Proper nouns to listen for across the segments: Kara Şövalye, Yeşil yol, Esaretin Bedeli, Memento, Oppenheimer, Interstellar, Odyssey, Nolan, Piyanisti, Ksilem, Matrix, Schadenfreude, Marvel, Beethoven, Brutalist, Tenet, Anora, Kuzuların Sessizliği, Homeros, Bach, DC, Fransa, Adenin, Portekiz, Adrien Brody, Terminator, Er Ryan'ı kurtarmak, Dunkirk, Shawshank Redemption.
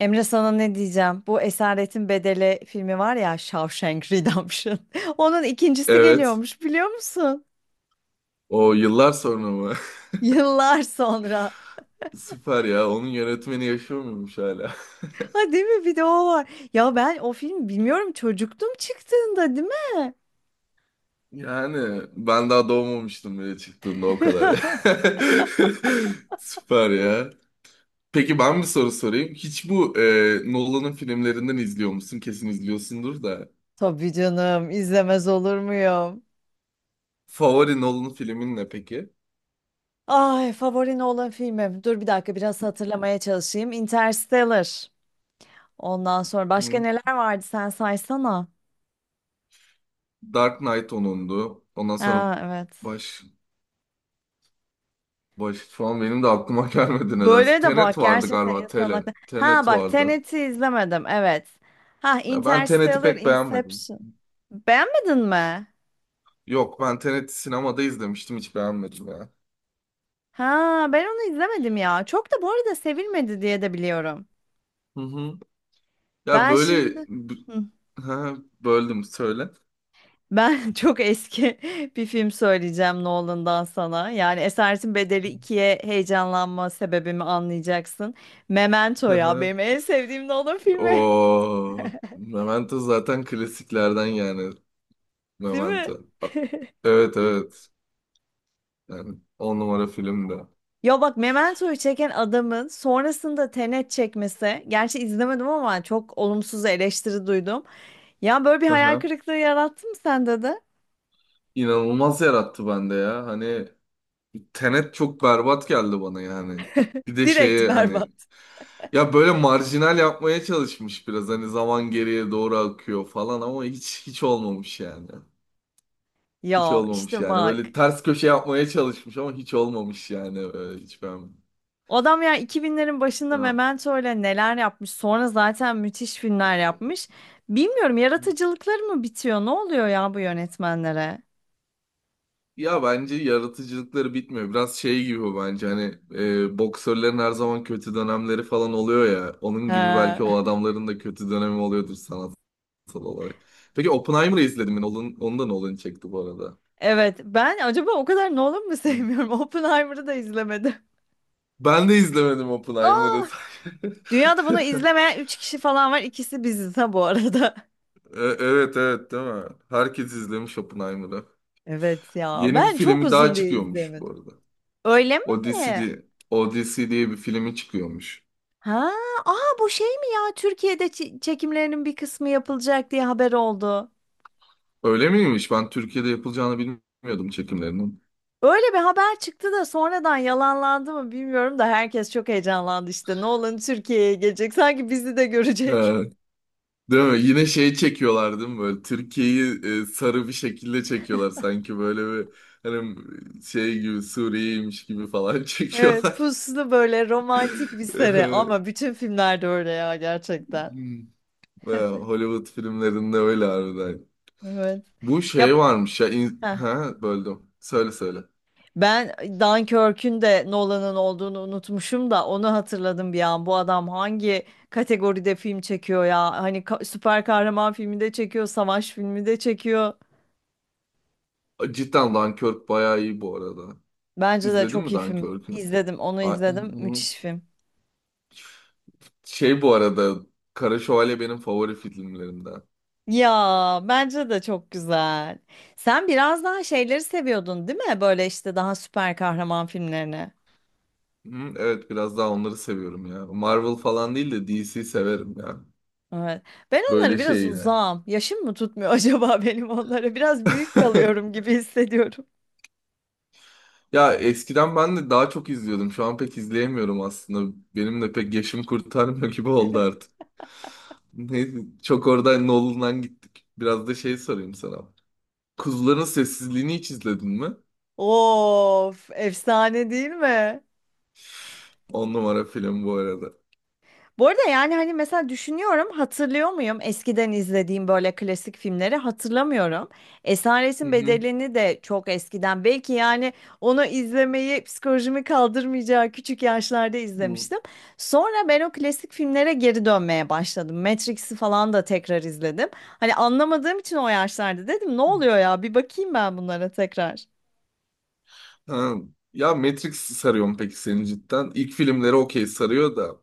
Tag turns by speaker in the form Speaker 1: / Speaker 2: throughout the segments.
Speaker 1: Emre, sana ne diyeceğim? Bu Esaretin Bedeli filmi var ya, Shawshank Redemption. Onun ikincisi
Speaker 2: Evet.
Speaker 1: geliyormuş, biliyor musun?
Speaker 2: O yıllar sonra mı?
Speaker 1: Yıllar sonra.
Speaker 2: Süper ya. Onun yönetmeni yaşıyor muymuş hala?
Speaker 1: Ha, değil mi? Bir de o var. Ya ben o film bilmiyorum, çocuktum çıktığında, değil mi?
Speaker 2: Yani ben daha doğmamıştım bile çıktığında o kadar ya. Süper ya. Peki ben bir soru sorayım. Hiç bu Nolan'ın filmlerinden izliyor musun? Kesin izliyorsundur da.
Speaker 1: Tabii canım, izlemez olur muyum?
Speaker 2: Favori Nolan filmin ne peki?
Speaker 1: Ay, favori olan filmim. Dur bir dakika, biraz hatırlamaya çalışayım. Interstellar. Ondan sonra başka
Speaker 2: Hı?
Speaker 1: neler vardı, sen saysana.
Speaker 2: Dark Knight onundu. Ondan sonra
Speaker 1: Ha, evet.
Speaker 2: baş baş şu an benim de aklıma gelmedi nedense.
Speaker 1: Böyle de bak,
Speaker 2: Tenet vardı
Speaker 1: gerçekten
Speaker 2: galiba.
Speaker 1: insan aklı. Ha
Speaker 2: Tenet
Speaker 1: bak,
Speaker 2: vardı.
Speaker 1: Tenet'i izlemedim, evet. Ha,
Speaker 2: Ya ben Tenet'i
Speaker 1: Interstellar,
Speaker 2: pek beğenmedim.
Speaker 1: Inception. Beğenmedin mi?
Speaker 2: Yok ben Tenet'i sinemada izlemiştim hiç beğenmedim ya.
Speaker 1: Ha, ben onu izlemedim ya. Çok da bu arada sevilmedi diye de biliyorum.
Speaker 2: Hı hı. Ya
Speaker 1: Ben
Speaker 2: böyle
Speaker 1: şimdi
Speaker 2: b-
Speaker 1: Hı.
Speaker 2: ha, böldüm söyle.
Speaker 1: Ben çok eski bir film söyleyeceğim Nolan'dan sana. Yani Esaretin Bedeli ikiye heyecanlanma sebebimi anlayacaksın. Memento
Speaker 2: Hı
Speaker 1: ya
Speaker 2: hı.
Speaker 1: benim en sevdiğim Nolan filmi.
Speaker 2: Oo, Memento zaten klasiklerden yani
Speaker 1: Değil mi?
Speaker 2: Memento. Evet evet. Yani 10 numara filmdi.
Speaker 1: Ya bak, Memento'yu çeken adamın sonrasında Tenet çekmesi, gerçi izlemedim ama çok olumsuz eleştiri duydum. Ya böyle bir
Speaker 2: Hı
Speaker 1: hayal
Speaker 2: hı.
Speaker 1: kırıklığı yarattı mı sende de?
Speaker 2: İnanılmaz yarattı bende ya. Hani Tenet çok berbat geldi bana yani. Bir de
Speaker 1: Direkt
Speaker 2: şeye
Speaker 1: berbat.
Speaker 2: hani Ya böyle marjinal yapmaya çalışmış biraz hani zaman geriye doğru akıyor falan ama hiç olmamış yani. Hiç
Speaker 1: Ya
Speaker 2: olmamış
Speaker 1: işte
Speaker 2: yani.
Speaker 1: bak,
Speaker 2: Böyle ters köşe yapmaya çalışmış ama hiç olmamış yani. Böyle hiç ben.
Speaker 1: adam ya 2000'lerin başında
Speaker 2: Ha.
Speaker 1: Memento ile neler yapmış, sonra zaten müthiş filmler yapmış. Bilmiyorum, yaratıcılıkları mı bitiyor? Ne oluyor ya bu yönetmenlere?
Speaker 2: Ya bence yaratıcılıkları bitmiyor. Biraz şey gibi bu bence hani boksörlerin her zaman kötü dönemleri falan oluyor ya. Onun gibi
Speaker 1: Ha,
Speaker 2: belki o adamların da kötü dönemi oluyordur sanatsal olarak. Peki Oppenheimer'ı izledim ben. Onun, onu da Nolan çekti bu arada.
Speaker 1: evet, ben acaba o kadar Nolan mı
Speaker 2: Hı.
Speaker 1: sevmiyorum? Oppenheimer'ı da izlemedim.
Speaker 2: Ben de izlemedim Oppenheimer'ı.
Speaker 1: Aa! Dünyada bunu izlemeyen 3 kişi falan var. İkisi biziz ha, bu arada.
Speaker 2: Evet evet değil mi? Herkes izlemiş Oppenheimer'ı.
Speaker 1: Evet ya.
Speaker 2: Yeni bir
Speaker 1: Ben çok
Speaker 2: filmi daha
Speaker 1: uzun diye
Speaker 2: çıkıyormuş bu
Speaker 1: izleyemedim.
Speaker 2: arada.
Speaker 1: Öyle mi?
Speaker 2: Odyssey diye, Odyssey diye bir filmi çıkıyormuş.
Speaker 1: Ha, aa, bu şey mi ya? Türkiye'de çekimlerinin bir kısmı yapılacak diye haber oldu.
Speaker 2: Öyle miymiş? Ben Türkiye'de yapılacağını bilmiyordum çekimlerinin.
Speaker 1: Öyle bir haber çıktı da sonradan yalanlandı mı bilmiyorum da herkes çok heyecanlandı işte. Nolan Türkiye'ye gelecek. Sanki bizi de görecek.
Speaker 2: E, değil mi? Yine şey çekiyorlar değil mi? Böyle Türkiye'yi sarı bir şekilde çekiyorlar. Sanki böyle bir hani şey gibi Suriye'ymiş gibi falan
Speaker 1: Evet,
Speaker 2: çekiyorlar.
Speaker 1: puslu böyle romantik bir seri ama bütün filmlerde öyle ya gerçekten.
Speaker 2: Ya, Hollywood filmlerinde öyle harbiden.
Speaker 1: Evet.
Speaker 2: Bu şey
Speaker 1: Yap.
Speaker 2: varmış ya. Ha, böldüm. Söyle söyle.
Speaker 1: Ben Dunkirk'ün de Nolan'ın olduğunu unutmuşum da onu hatırladım bir an. Bu adam hangi kategoride film çekiyor ya? Hani süper kahraman filmi de çekiyor, savaş filmi de çekiyor.
Speaker 2: Cidden Dunkirk bayağı iyi bu arada.
Speaker 1: Bence de
Speaker 2: İzledin
Speaker 1: çok
Speaker 2: mi
Speaker 1: iyi film.
Speaker 2: Dunkirk'ü?
Speaker 1: İzledim, onu
Speaker 2: A-
Speaker 1: izledim. Müthiş film.
Speaker 2: Şey bu arada. Kara Şövalye benim favori filmlerimden.
Speaker 1: Ya bence de çok güzel. Sen biraz daha şeyleri seviyordun, değil mi? Böyle işte daha süper kahraman filmlerini.
Speaker 2: Hı, evet biraz daha onları seviyorum ya. Marvel falan değil de DC severim ya.
Speaker 1: Evet. Ben onları
Speaker 2: Böyle
Speaker 1: biraz
Speaker 2: şeyler.
Speaker 1: uzağım. Yaşım mı tutmuyor acaba benim onlara? Biraz büyük kalıyorum gibi hissediyorum.
Speaker 2: Ya eskiden ben de daha çok izliyordum. Şu an pek izleyemiyorum aslında. Benim de pek yaşım kurtarmıyor gibi oldu. Neyse, çok oradan Nolan'dan gittik. Biraz da şey sorayım sana. Kuzuların Sessizliğini hiç izledin mi?
Speaker 1: Of, efsane değil mi?
Speaker 2: 10 numara film bu arada.
Speaker 1: Bu arada yani hani mesela düşünüyorum, hatırlıyor muyum eskiden izlediğim böyle klasik filmleri, hatırlamıyorum.
Speaker 2: Hı
Speaker 1: Esaretin
Speaker 2: hı.
Speaker 1: Bedeli'ni de çok eskiden belki, yani onu izlemeyi psikolojimi kaldırmayacağı küçük yaşlarda
Speaker 2: Hı.
Speaker 1: izlemiştim. Sonra ben o klasik filmlere geri dönmeye başladım. Matrix'i falan da tekrar izledim. Hani anlamadığım için o yaşlarda, dedim ne oluyor ya, bir bakayım ben bunlara tekrar.
Speaker 2: Ha. Ya Matrix sarıyor mu peki seni cidden? İlk filmleri okey sarıyor da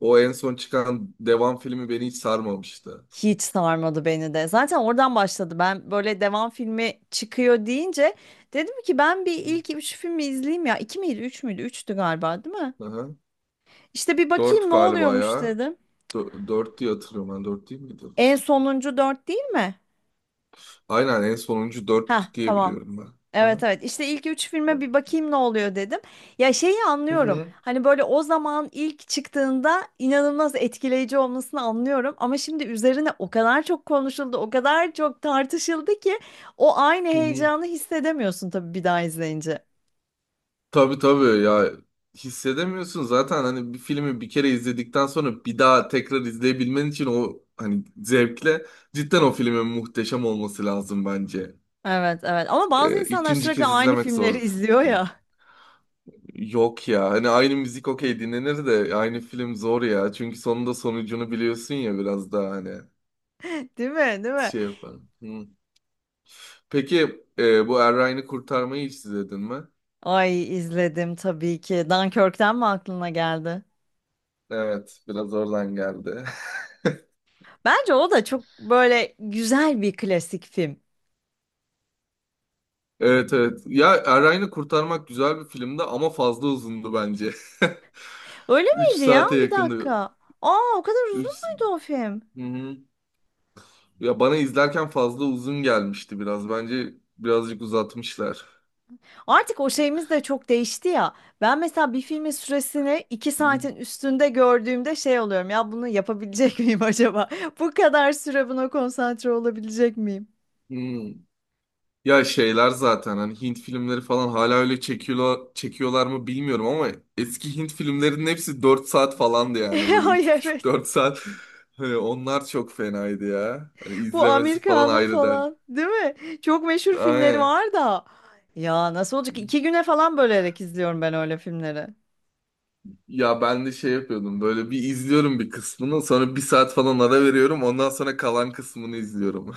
Speaker 2: o en son çıkan devam filmi beni hiç sarmamıştı.
Speaker 1: Hiç sarmadı beni de. Zaten oradan başladı. Ben böyle devam filmi çıkıyor deyince dedim ki ben bir
Speaker 2: Hı.
Speaker 1: ilk üç filmi izleyeyim ya. İki miydi, üç müydü? Üçtü galiba, değil mi?
Speaker 2: Aha.
Speaker 1: İşte bir bakayım
Speaker 2: Dört
Speaker 1: ne
Speaker 2: galiba
Speaker 1: oluyormuş
Speaker 2: ya.
Speaker 1: dedim.
Speaker 2: Dört diye hatırlıyorum ben. Dört değil miydi?
Speaker 1: En sonuncu dört, değil mi?
Speaker 2: Aynen en sonuncu
Speaker 1: Ha,
Speaker 2: dört diye
Speaker 1: tamam.
Speaker 2: biliyorum ben.
Speaker 1: Evet
Speaker 2: Aha.
Speaker 1: evet, işte ilk üç filme bir bakayım ne oluyor dedim. Ya şeyi
Speaker 2: Hı
Speaker 1: anlıyorum.
Speaker 2: hı.
Speaker 1: Hani böyle o zaman ilk çıktığında inanılmaz etkileyici olmasını anlıyorum. Ama şimdi üzerine o kadar çok konuşuldu, o kadar çok tartışıldı ki o aynı
Speaker 2: Hı hı.
Speaker 1: heyecanı hissedemiyorsun tabii bir daha izleyince.
Speaker 2: Tabii tabii ya hissedemiyorsun zaten hani bir filmi bir kere izledikten sonra bir daha tekrar izleyebilmen için o hani zevkle cidden o filmin muhteşem olması lazım bence.
Speaker 1: Evet evet, ama bazı insanlar
Speaker 2: İkinci
Speaker 1: sürekli
Speaker 2: kez
Speaker 1: aynı
Speaker 2: izlemek
Speaker 1: filmleri
Speaker 2: zor bir
Speaker 1: izliyor
Speaker 2: film.
Speaker 1: ya.
Speaker 2: Yok ya hani aynı müzik okey dinlenir de aynı film zor ya çünkü sonunda sonucunu biliyorsun ya biraz daha hani
Speaker 1: Değil mi? Değil mi?
Speaker 2: şey yaparım. Hı. Peki bu Er Ryan'ı kurtarmayı hiç izledin mi?
Speaker 1: Ay, izledim tabii ki. Dunkirk'ten mi aklına geldi?
Speaker 2: Evet biraz oradan geldi.
Speaker 1: Bence o da çok böyle güzel bir klasik film.
Speaker 2: Evet evet. Ya Erayn'ı kurtarmak güzel bir filmdi ama fazla uzundu bence.
Speaker 1: Öyle
Speaker 2: 3
Speaker 1: miydi ya?
Speaker 2: saate
Speaker 1: Bir
Speaker 2: yakındı.
Speaker 1: dakika. Aa, o kadar uzun
Speaker 2: 3
Speaker 1: muydu o film?
Speaker 2: Hı-hı. Ya bana izlerken fazla uzun gelmişti biraz. Bence birazcık uzatmışlar.
Speaker 1: Artık o şeyimiz de çok değişti ya. Ben mesela bir filmin süresini 2 saatin üstünde gördüğümde şey oluyorum. Ya bunu yapabilecek miyim acaba? Bu kadar süre buna konsantre olabilecek miyim?
Speaker 2: Hı-hı. Ya şeyler zaten hani Hint filmleri falan hala öyle çekiyorlar, çekiyorlar mı bilmiyorum ama eski Hint filmlerinin hepsi 4 saat falandı yani böyle
Speaker 1: Ay,
Speaker 2: üç buçuk
Speaker 1: evet.
Speaker 2: dört saat. Hani onlar çok fenaydı ya. Hani
Speaker 1: Bu
Speaker 2: izlemesi
Speaker 1: Amir
Speaker 2: falan ayrı der.
Speaker 1: falan, değil mi? Çok meşhur filmleri
Speaker 2: Aynen.
Speaker 1: var da. Ya nasıl olacak ki? 2 güne falan bölerek izliyorum ben öyle filmleri.
Speaker 2: Ya ben de şey yapıyordum böyle bir izliyorum bir kısmını sonra bir saat falan ara veriyorum ondan sonra kalan kısmını izliyorum.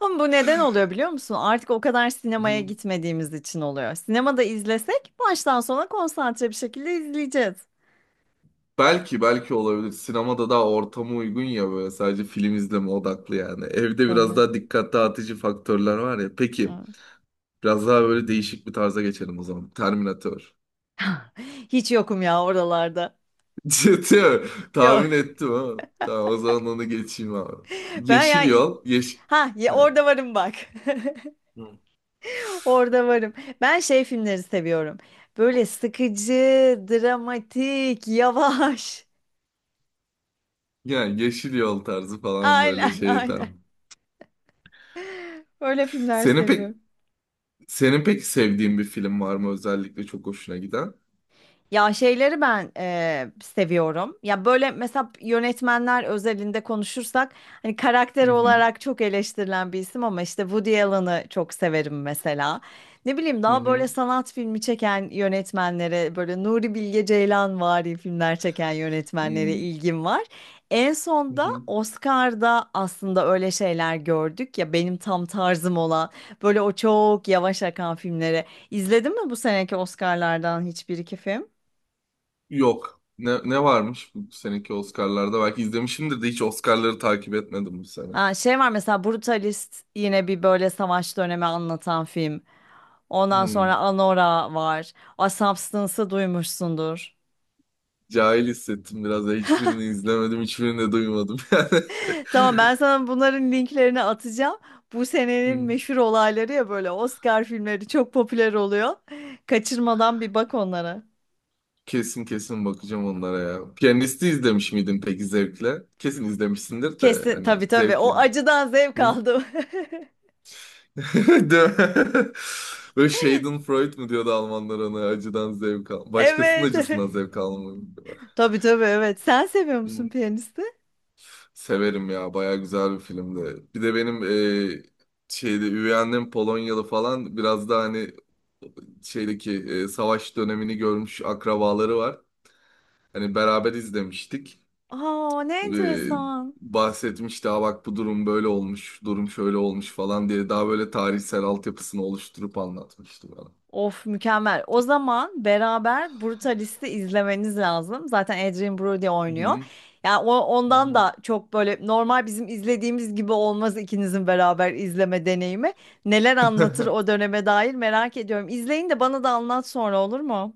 Speaker 1: Ama bu neden oluyor biliyor musun? Artık o kadar sinemaya
Speaker 2: Hı.
Speaker 1: gitmediğimiz için oluyor. Sinemada izlesek baştan sona konsantre bir şekilde izleyeceğiz.
Speaker 2: Belki olabilir. Sinemada daha ortama uygun ya böyle sadece film izleme odaklı yani. Evde biraz
Speaker 1: Tabii.
Speaker 2: daha dikkat dağıtıcı faktörler var ya. Peki
Speaker 1: Evet.
Speaker 2: biraz daha böyle değişik bir tarza geçelim o zaman. Terminator.
Speaker 1: Hiç yokum ya oralarda.
Speaker 2: Ciddi mi?
Speaker 1: Yok.
Speaker 2: Tahmin ettim ha. Tamam o zaman onu geçeyim abi.
Speaker 1: Ben
Speaker 2: Yeşil
Speaker 1: ya
Speaker 2: yol.
Speaker 1: Ha ya,
Speaker 2: He.
Speaker 1: orada varım bak.
Speaker 2: Hı.
Speaker 1: Orada varım. Ben şey filmleri seviyorum. Böyle sıkıcı, dramatik, yavaş.
Speaker 2: Yani yeşil yol tarzı falan böyle
Speaker 1: Aynen,
Speaker 2: şey
Speaker 1: aynen.
Speaker 2: tamam.
Speaker 1: Öyle filmler
Speaker 2: Senin pek
Speaker 1: seviyorum.
Speaker 2: Senin peki sevdiğin bir film var mı özellikle çok hoşuna giden?
Speaker 1: Ya şeyleri ben seviyorum. Ya böyle mesela yönetmenler özelinde konuşursak hani karakter
Speaker 2: Hı hı.
Speaker 1: olarak çok eleştirilen bir isim ama işte Woody Allen'ı çok severim mesela. Ne bileyim,
Speaker 2: Hı
Speaker 1: daha böyle
Speaker 2: hı.
Speaker 1: sanat filmi çeken yönetmenlere, böyle Nuri Bilge Ceylanvari filmler çeken yönetmenlere
Speaker 2: Hı
Speaker 1: ilgim var. En son da
Speaker 2: hı.
Speaker 1: Oscar'da aslında öyle şeyler gördük ya, benim tam tarzım olan böyle o çok yavaş akan filmleri. İzledin mi bu seneki Oscar'lardan hiçbir iki film?
Speaker 2: Yok. Ne varmış bu seneki Oscar'larda? Belki izlemişimdir de hiç Oscar'ları takip etmedim bu sene.
Speaker 1: Ha, şey var mesela, Brutalist, yine bir böyle savaş dönemi anlatan film. Ondan
Speaker 2: Hı.
Speaker 1: sonra Anora var. A Substance'ı duymuşsundur.
Speaker 2: Cahil hissettim biraz da hiçbirini izlemedim, hiçbirini de duymadım yani.
Speaker 1: Tamam, ben sana bunların linklerini atacağım. Bu senenin
Speaker 2: Hı.
Speaker 1: meşhur olayları ya, böyle Oscar filmleri çok popüler oluyor. Kaçırmadan bir bak onlara.
Speaker 2: Kesin kesin bakacağım onlara ya. Piyanisti izlemiş miydin peki zevkle? Kesin izlemişsindir de
Speaker 1: Kesin
Speaker 2: hani
Speaker 1: tabii tabii,
Speaker 2: zevkle
Speaker 1: o
Speaker 2: mi?
Speaker 1: acıdan zevk aldım.
Speaker 2: Değil mi? Böyle Schadenfreude mu diyordu Almanlar ona acıdan zevk al. Başkasının
Speaker 1: Evet
Speaker 2: acısından
Speaker 1: evet.
Speaker 2: zevk almayı.
Speaker 1: Tabii tabii, evet. Sen seviyor musun piyanisti?
Speaker 2: Severim ya baya güzel bir filmdi. Bir de benim e, şeyde üvey annem Polonyalı falan biraz da hani şeydeki savaş dönemini görmüş akrabaları var. Hani beraber izlemiştik.
Speaker 1: Aa, ne
Speaker 2: E,
Speaker 1: enteresan.
Speaker 2: bahsetmişti "Aa bak bu durum böyle olmuş, durum şöyle olmuş falan diye daha böyle tarihsel altyapısını oluşturup anlatmıştı bana.
Speaker 1: Of, mükemmel. O zaman beraber Brutalist'i izlemeniz lazım. Zaten Adrien Brody
Speaker 2: Hı
Speaker 1: oynuyor.
Speaker 2: hı.
Speaker 1: Yani o,
Speaker 2: Hı
Speaker 1: ondan
Speaker 2: hı.
Speaker 1: da çok böyle normal bizim izlediğimiz gibi olmaz ikinizin beraber izleme deneyimi. Neler anlatır o döneme dair merak ediyorum. İzleyin de bana da anlat sonra, olur mu?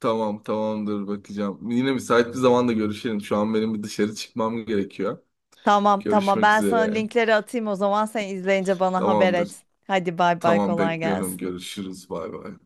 Speaker 2: Tamam tamamdır bakacağım. Yine müsait bir zamanda görüşelim. Şu an benim bir dışarı çıkmam gerekiyor.
Speaker 1: Tamam tamam,
Speaker 2: Görüşmek
Speaker 1: ben sana
Speaker 2: üzere.
Speaker 1: linkleri atayım o zaman, sen izleyince bana haber
Speaker 2: Tamamdır.
Speaker 1: et. Hadi bay bay,
Speaker 2: Tamam
Speaker 1: kolay
Speaker 2: bekliyorum.
Speaker 1: gelsin.
Speaker 2: Görüşürüz. Bay bay.